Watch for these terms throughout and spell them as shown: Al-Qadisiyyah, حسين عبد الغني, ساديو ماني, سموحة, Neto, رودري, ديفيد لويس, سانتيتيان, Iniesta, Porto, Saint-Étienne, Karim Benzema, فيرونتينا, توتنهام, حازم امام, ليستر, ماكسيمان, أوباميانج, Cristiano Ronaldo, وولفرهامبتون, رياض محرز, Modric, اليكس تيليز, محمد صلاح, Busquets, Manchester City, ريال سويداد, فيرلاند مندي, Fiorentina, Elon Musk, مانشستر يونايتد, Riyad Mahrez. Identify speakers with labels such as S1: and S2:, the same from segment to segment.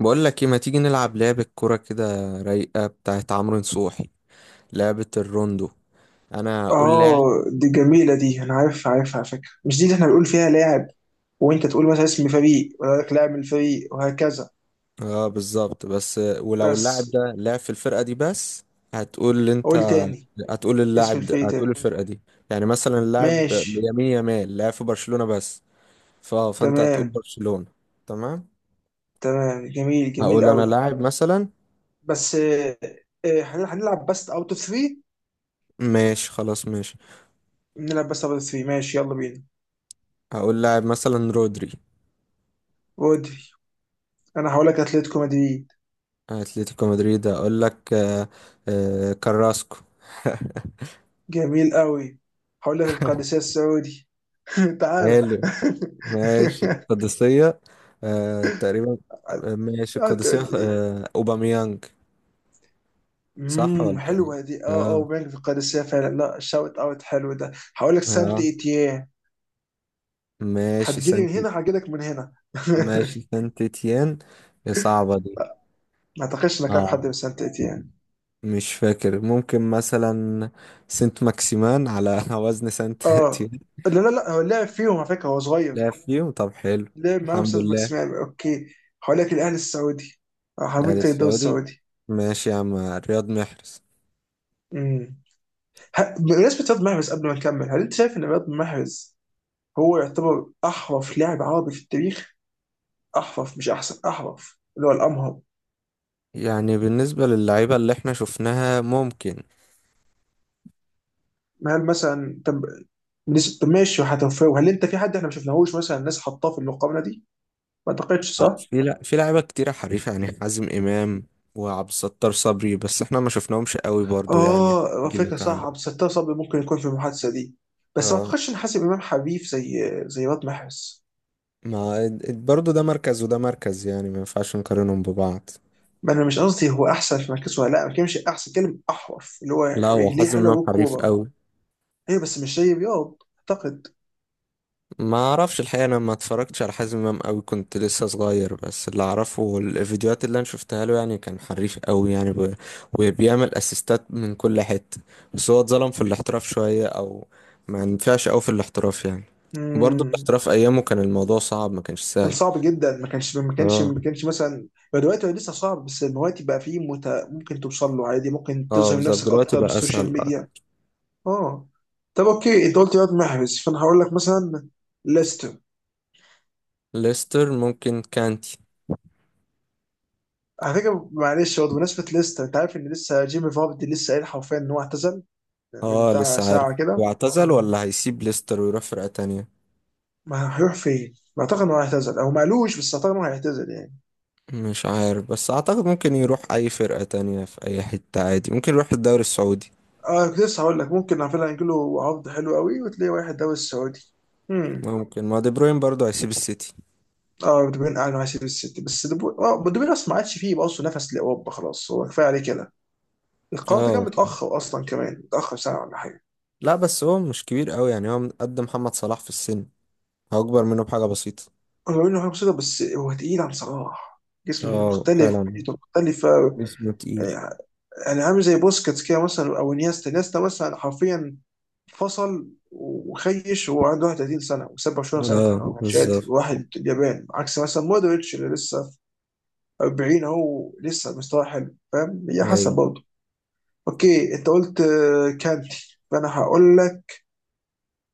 S1: بقول لك ايه ما تيجي نلعب لعبة كرة كده رايقة بتاعت عمرو نصوحي، لعبة الروندو. انا اقول لاعب.
S2: اه، دي جميلة دي، انا عارفها عارفها على فكرة. مش دي اللي احنا بنقول فيها لاعب، وانت تقول مثلا اسم فريق ويقول لك لاعب من الفريق وهكذا؟
S1: اه بالظبط، بس ولو اللاعب
S2: بس
S1: ده لعب في الفرقة دي بس هتقول انت،
S2: قول تاني.
S1: هتقول
S2: اسم
S1: اللاعب ده،
S2: الفريق
S1: هتقول
S2: تاني.
S1: الفرقة دي. يعني مثلا اللاعب
S2: ماشي.
S1: يمين يامال لعب في برشلونة بس، فانت هتقول
S2: تمام.
S1: برشلونة. تمام.
S2: تمام، جميل، جميل
S1: هقول انا
S2: قوي.
S1: لاعب مثلا.
S2: بس هنلعب بس اوت اوف 3.
S1: ماشي خلاص ماشي.
S2: نلعب بس اوت اوف 3، ماشي يلا بينا.
S1: هقول لاعب مثلا رودري.
S2: ودي انا هقول لك اتلتيكو مدريد.
S1: اتلتيكو مدريد، هقول لك كراسكو.
S2: جميل قوي. هقول لك القادسية السعودي. تعالى.
S1: حلو. ماشي القادسية. آه تقريبا. ماشي القادسية
S2: هتقول لي.
S1: آه أوباميانج. صح ولا إيه؟
S2: حلوه دي. اه، اه،
S1: آه.
S2: وبنك في القادسيه فعلا لا، شاوت اوت حلو ده. هقول لك سانت
S1: آه
S2: ايتيان.
S1: ماشي
S2: هتجيلي من
S1: سانتي.
S2: هنا، هجيلك من هنا.
S1: ماشي سانتيتيان. هي صعبة دي.
S2: ما اعتقدش انك عارف حد
S1: آه
S2: من سانت ايتيان.
S1: مش فاكر، ممكن مثلا سنت ماكسيمان على وزن سانت
S2: اه،
S1: تيان.
S2: لا لا لا، هو لعب فيهم على فكره، هو صغير.
S1: لا فيهم، طب حلو.
S2: لعب معاهم
S1: الحمد
S2: استاذ
S1: لله.
S2: ماكسيمان، اوكي. هقول لك الاهلي السعودي.
S1: الأهلي
S2: هوريك تاني الدوري
S1: السعودي.
S2: السعودي.
S1: ماشي يا عم رياض محرز.
S2: امم بمناسبه رياض محرز، قبل ما نكمل، هل انت شايف ان رياض محرز هو يعتبر احرف لاعب عربي في التاريخ؟ احرف، مش احسن، احرف اللي هو الامهر.
S1: يعني بالنسبة للعيبة اللي احنا شفناها ممكن.
S2: هل مثلا، طب طب ماشي هتوفاه. هل انت، في حد احنا ما شفناهوش مثلا الناس حطاه في المقابله دي؟ ما اعتقدش،
S1: اه
S2: صح؟
S1: في، لا في لعيبه كتيره حريفه، يعني حازم امام وعبد الستار صبري، بس احنا ما شفناهمش قوي برضو يعني.
S2: اه،
S1: الجيل
S2: فكره، صح.
S1: بتاعنا.
S2: عبد الستار صبري ممكن يكون في المحادثه دي. بس ما
S1: اه
S2: اعتقدش ان حاسب امام حبيب زي رياض محرز.
S1: ما اد- اد- برضو ده مركز وده مركز، يعني ما ينفعش نقارنهم ببعض.
S2: ما انا مش قصدي هو احسن في مركزه ولا لا، ما كانش احسن كلمه، احرف اللي هو
S1: لا هو
S2: رجليه
S1: حازم امام
S2: حلوه
S1: حريف
S2: بالكوره.
S1: قوي.
S2: ايوه بس مش زي رياض اعتقد.
S1: ما اعرفش الحقيقه، انا ما اتفرجتش على حازم امام قوي، كنت لسه صغير، بس اللي اعرفه الفيديوهات اللي انا شفتها له يعني كان حريف قوي يعني وبيعمل اسيستات من كل حته. بس هو اتظلم في الاحتراف شويه، او ما ينفعش قوي في الاحتراف يعني. برضه
S2: امم
S1: الاحتراف ايامه كان الموضوع صعب، ما كانش
S2: كان
S1: سهل.
S2: صعب جدا،
S1: اه.
S2: ما كانش مثلا. هو دلوقتي، هو لسه صعب، بس دلوقتي بقى فيه ممكن توصل له عادي، ممكن
S1: اه
S2: تظهر
S1: بالظبط،
S2: نفسك
S1: دلوقتي
S2: اكتر
S1: بقى
S2: بالسوشيال
S1: اسهل.
S2: ميديا. اه. طب، اوكي، انت قلت رياض محرز، فانا هقول لك مثلا ليستر.
S1: ليستر ممكن كانتي.
S2: على فكره معلش، برضه بمناسبه ليستر، انت عارف ان لسه جيمي فاردي لسه قايل حرفيا ان هو اعتزل من
S1: اه
S2: بتاع
S1: لسه عارف.
S2: ساعه كده.
S1: واعتزل
S2: مم.
S1: ولا هيسيب ليستر ويروح فرقه تانية؟
S2: ما هيروح فين؟ ما اعتقد انه هيعتزل او ما قالوش، بس اعتقد انه هيعتزل يعني.
S1: مش عارف، بس اعتقد ممكن يروح اي فرقة تانية في اي حتة عادي، ممكن يروح الدوري السعودي.
S2: اه، كنت لسه هقول لك ممكن على فكره هيجي له عرض حلو قوي، وتلاقي واحد دوري السعودي. مم.
S1: ممكن، ما دي بروين برضه هيسيب السيتي.
S2: اه، بدوبين قعد مع سيتي، السيتي بس بدوبين اصلا ما عادش فيه بقى اصلا نفس لاوروبا، خلاص هو كفايه عليه كده. القرار ده كان
S1: اه.
S2: متاخر اصلا، كمان متاخر سنه ولا حاجه.
S1: لا بس هو مش كبير قوي يعني، هو قد محمد صلاح في السن، هو اكبر منه بحاجة بسيطة.
S2: هو انه حاجه بسيطه بس هو تقيل عن صلاح، جسمه
S1: اه
S2: مختلف،
S1: فعلا.
S2: بيئته مختلفه.
S1: جسمه تقيل.
S2: آه، يعني عامل زي بوسكيتس كده مثلا، او انيستا مثلا حرفيا فصل وخيش وهو عنده 31 سنه، وساب برشلونه ساعتها،
S1: اه
S2: هو كان شاتم
S1: بالظبط.
S2: واحد اليابان، عكس مثلا مودريتش اللي لسه 40 اهو لسه مستواه حلو. فاهم؟ هي حسب
S1: ايوه.
S2: برضه. اوكي، انت قلت كانتي، فانا هقول لك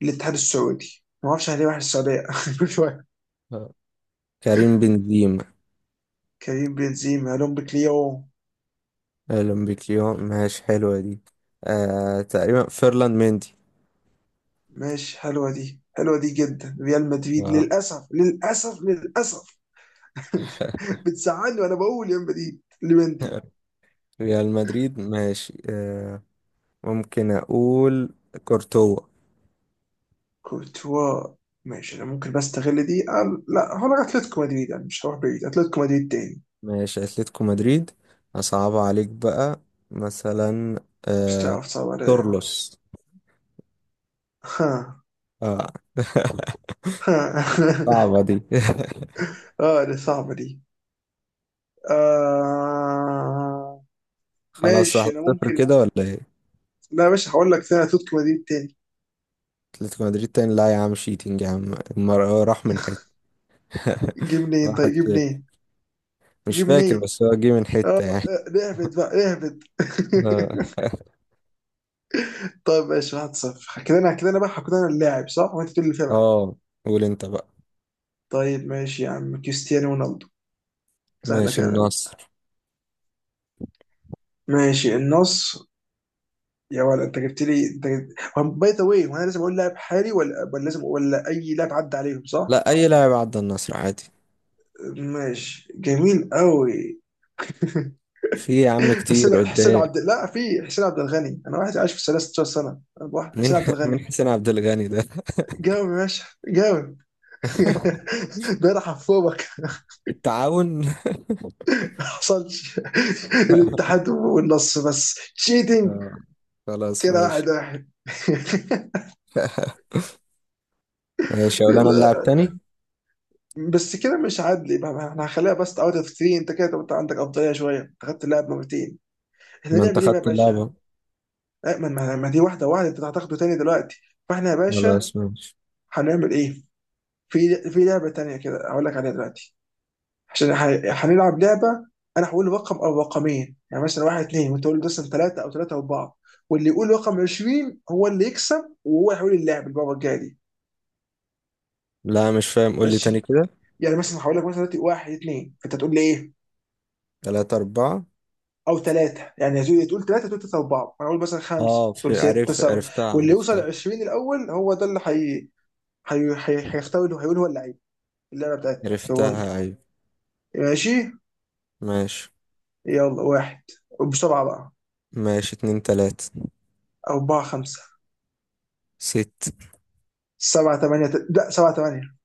S2: الاتحاد السعودي. ما اعرفش ليه واحد السعوديه كل شويه.
S1: آه. كريم بنزيما.
S2: كريم بنزيما، لومب كليو.
S1: اهلا بك اليوم، ماشي حلوة دي. آه تقريبا، فيرلاند مندي.
S2: ماشي، حلوه دي، حلوه دي جدا. ريال مدريد،
S1: اه.
S2: للاسف، للاسف، للاسف. بتزعلني وانا بقول يا مدريد لمندي.
S1: ريال مدريد ماشي آه. ممكن اقول كورتوا.
S2: كورتوا. ماشي، انا ممكن بستغل دي، أه لا، هو أنا اتلتيكو مدريد يعني، مش هروح بعيد، اتلتيكو مدريد تاني.
S1: ماشي اتلتيكو مدريد. اصعب عليك بقى مثلا
S2: مش
S1: آه...
S2: تعرف، صعب عليا.
S1: تورلوس.
S2: ها.
S1: اه.
S2: ها.
S1: صعبة دي.
S2: اه، دي صعبه دي. آه.
S1: خلاص
S2: ماشي.
S1: واحد
S2: انا
S1: صفر
S2: ممكن،
S1: كده ولا ايه؟
S2: لا يا باشا، هقول لك ثاني اتلتيكو مدريد تاني.
S1: اتلتيكو مدريد تاني؟ لا يا عم شيتنج يا عم، هو راح من حتة.
S2: جيب منين؟ طيب
S1: واحد
S2: جيب
S1: صفر.
S2: منين،
S1: مش
S2: جيب
S1: فاكر،
S2: منين.
S1: بس هو جه من
S2: اه،
S1: حتة يعني.
S2: نهبط بقى، نهبط.
S1: اه.
S2: طيب ماشي، 1-0 كده. انا كده، انا بقى كده، انا اللاعب صح؟ وانت تقول اللي فيها بقى.
S1: آه، قول انت بقى.
S2: طيب ماشي يا عم، كريستيانو رونالدو. سهله
S1: ماشي
S2: كده أوي.
S1: النصر.
S2: ماشي النصر. يا ولد، انت جبت لي، باي ذا واي، وانا لازم اقول لاعب حالي ولا ولا لازم، ولا اي لاعب عدى عليهم، صح؟
S1: لا اي لاعب عدى النصر عادي.
S2: ماشي، جميل قوي.
S1: في يا عم
S2: حسين
S1: كتير
S2: حسين
S1: قدام.
S2: عبد لا في حسين عبد الغني انا، واحد عايش في 16 سنه. أنا واحد
S1: مين؟
S2: حسين عبد
S1: مين
S2: الغني.
S1: حسين عبد الغني ده؟
S2: جاوب يا باشا، جاوب. ده حفوبك.
S1: التعاون.
S2: ما حصلش. الاتحاد والنص، بس تشيتنج.
S1: آه. خلاص
S2: كده
S1: ماشي.
S2: واحد واحد.
S1: ماشي اقول انا اللاعب
S2: يلا.
S1: تاني.
S2: بس كده مش عادل بقى، ما احنا هنخليها بس اوت اوف 3. انت كده، عندك افضليه شويه، انت خدت اللاعب مرتين. احنا
S1: ما انت
S2: نعمل ايه بقى يا
S1: خدت
S2: باشا؟
S1: اللعبة.
S2: لا، ما دي واحده واحده، انت هتاخده تاني دلوقتي. فاحنا يا باشا
S1: خلاص ماشي.
S2: هنعمل ايه؟ في في لعبه تانيه كده هقول لك عليها دلوقتي. عشان هنلعب لعبه. انا هقول رقم او رقمين، يعني مثلا واحد اتنين، وانت تقول لي مثلا ثلاثه، او ثلاثه اربعه. واللي يقول رقم 20 هو اللي يكسب، وهو هيقول اللعب المره الجايه دي.
S1: لا مش فاهم، قول لي تاني
S2: ماشي.
S1: كده.
S2: يعني مثلا هقول لك مثلا دلوقتي واحد اتنين، فانت تقول لي ايه؟
S1: تلاتة أربعة.
S2: او ثلاثه، يعني يا زوي تقول ثلاثه، تقول ثلاثه اربعه، انا اقول مثلا خمسه،
S1: اه
S2: تقول
S1: في،
S2: سته سبعه.
S1: عرفتها
S2: واللي يوصل
S1: عرفتها.
S2: 20 الاول هو ده اللي هيختار اللي هيقول هو اللعيب، اللعبه بتاعتي في الروند.
S1: عرفتها أيوة.
S2: ماشي.
S1: ماشي.
S2: يلا، واحد. وبسرعه بقى.
S1: ماشي اتنين تلاتة.
S2: أربعة خمسة.
S1: ست.
S2: سبعة ثمانية، لا سبعة ثمانية.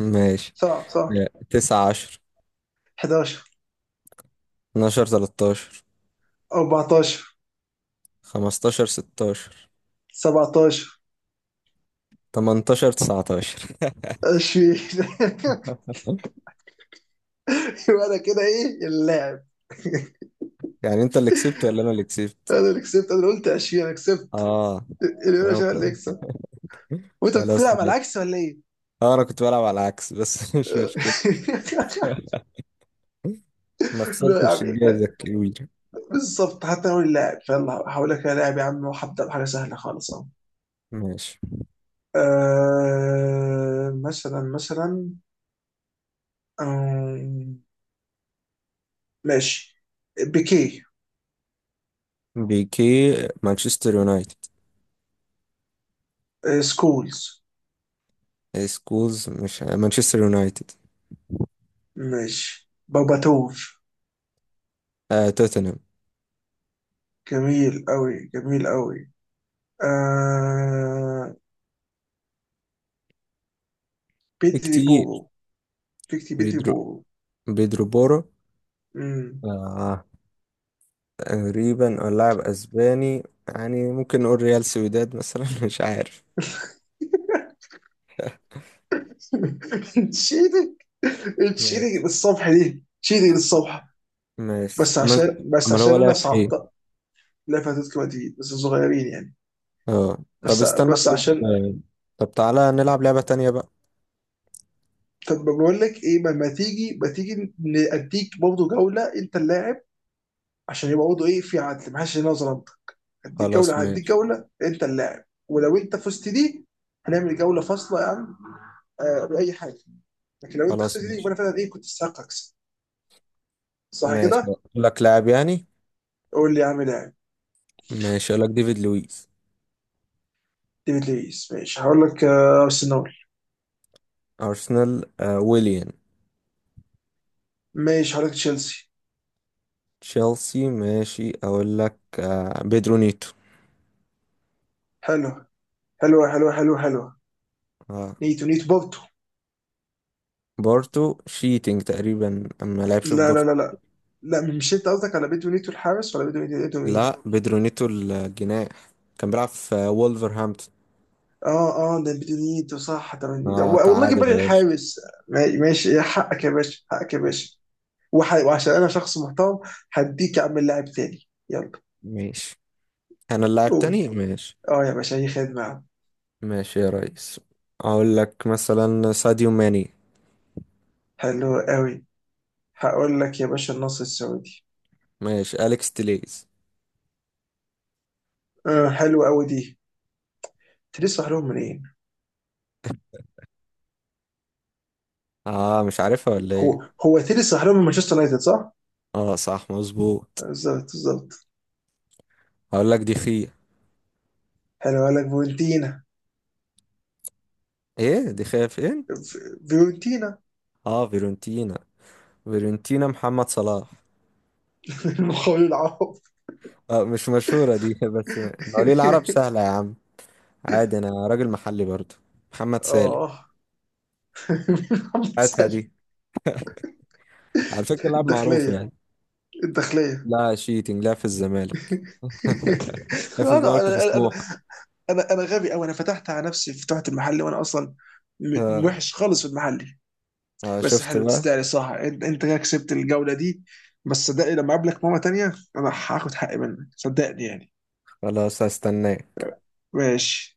S1: ماشي.
S2: صح، صح.
S1: لا، 19.
S2: 11.
S1: 12 13.
S2: 14.
S1: 15 16.
S2: 17.
S1: 18 19.
S2: 20. وانا كده ايه اللاعب.
S1: يعني انت اللي كسبت ولا انا اللي كسبت؟
S2: انا اللي كسبت، انا اللي قلت 20، انا كسبت
S1: اه.
S2: اليوم يا
S1: أنا
S2: شباب، اللي
S1: ممكن-
S2: يكسب. وانت
S1: خلاص
S2: بتلعب على
S1: ماشي.
S2: العكس ولا ايه؟
S1: اه انا كنت بلعب على العكس، بس مش مشكلة. ما
S2: لا يا عم،
S1: خسرتش
S2: إيه
S1: الجايزة
S2: ده؟
S1: الكبيرة.
S2: بالظبط. حتى لو اللاعب فيلا هقول لك يا لاعب يا عم، وهبدا بحاجه سهله خالص، اهو.
S1: ماشي
S2: مثلا. آه، ماشي، بيكي.
S1: بيكي. مانشستر يونايتد.
S2: سكولز.
S1: سكولز مش مانشستر يونايتد.
S2: ماشي، باباتوف.
S1: آه توتنهام.
S2: جميل أوي، جميل أوي. آه... بدري
S1: كتير.
S2: بوبو. بدري
S1: بيدرو.
S2: بوبو.
S1: بيدرو بورو.
S2: مم.
S1: آه تقريبا، لاعب اسباني، يعني ممكن نقول ريال سويداد مثلا مش عارف.
S2: تشيلك تشيلك
S1: ماشي.
S2: للصبح دي، تشيلك للصبح.
S1: ماشي
S2: بس
S1: اما انت،
S2: عشان،
S1: امال هو
S2: انا
S1: لعب في ايه؟
S2: صعبت لعبة اتلتيكو مدريد، بس صغيرين يعني.
S1: اه. طب
S2: بس
S1: استنى
S2: بس
S1: طيب
S2: عشان
S1: طب تعالى نلعب لعبة تانية بقى.
S2: طب بقول لك ايه، ما تيجي نديك برضه جولة، انت اللاعب، عشان يبقى برضه ايه في عدل، ما حدش ينظر انت.
S1: خلاص
S2: هديك
S1: ماشي.
S2: جولة انت اللاعب، ولو انت فزت دي هنعمل جولة فاصلة يا عم. آه، باي حاجه. لكن لو انت
S1: خلاص
S2: خسرت دي يبقى
S1: ماشي.
S2: انا فعلا ايه، كنت استحق اكسب، صح
S1: ماشي
S2: كده؟
S1: أقول لك لاعب يعني.
S2: قول لي يا عم لاعب.
S1: ماشي اقول لك ديفيد لويس.
S2: ديفيد لويس. ماشي، هقول لك ارسنال.
S1: ارسنال. آه ويليان.
S2: ماشي، هقول لك تشيلسي.
S1: تشيلسي ماشي، اقول لك بيدرو نيتو.
S2: حلو. حلو، حلو، حلو، حلو.
S1: آه.
S2: نيتو، نيتو بورتو.
S1: بورتو شيتنج تقريبا، اما لعبش في
S2: لا، لا،
S1: بورتو.
S2: لا، لا، لا، مش انت قصدك على بيتو نيتو الحارس ولا بيتو نيتو مين؟
S1: لا بيدرو نيتو الجناح، كان بيلعب في وولفرهامبتون.
S2: اه، اه، ده بيتو نيتو، صح ده
S1: آه
S2: والله جيب
S1: تعادل
S2: بالي
S1: يا باشا.
S2: الحارس. ماشي، يا حقك يا باشا، حقك يا باشا. وعشان انا شخص محترم، هديك يا عم اللاعب تاني، يلا.
S1: ماشي انا اللاعب
S2: قول.
S1: تاني. ماشي.
S2: اه يا باشا، اي خدمة يا عم.
S1: ماشي يا ريس، اقول لك مثلا ساديو ماني.
S2: حلو قوي. هقول لك يا باشا النصر السعودي.
S1: ماشي اليكس تيليز.
S2: آه، حلو قوي دي. تيري صح لهم منين؟
S1: اه مش عارفها ولا ايه؟
S2: هو تيري صح لهم من مانشستر يونايتد، صح؟
S1: اه صح مظبوط.
S2: بالظبط، بالظبط.
S1: هقول لك دي خيا.
S2: حلو، قال لك فيورنتينا.
S1: ايه دي خيا فين؟
S2: فيورنتينا.
S1: اه فيرونتينا. فيرونتينا محمد صلاح.
S2: المخول العوض.
S1: آه مش مشهورة دي، بس مواليد العرب سهلة يا عم، عادي انا راجل محلي برضو. محمد سالم.
S2: اه. محمد
S1: هاتها
S2: سالم.
S1: دي، على فكرة لاعب معروف
S2: الداخليه،
S1: يعني.
S2: الداخليه.
S1: لا شيتنج، لا في الزمالك. لا في
S2: انا
S1: الزمالك وفي
S2: انا انا
S1: سموحة.
S2: انا أنا غبي قوي، انا فتحت على نفسي، فتحت المحل وانا اصلا
S1: آه.
S2: وحش خالص في المحل.
S1: آه
S2: بس
S1: شفت
S2: حلو،
S1: بقى.
S2: تستاهل، صح، انت كده كسبت الجوله دي. بس صدقني لما اقابلك مره تانيه، انا هاخد حقي منك، صدقني يعني.
S1: خلاص هستناه.
S2: ماشي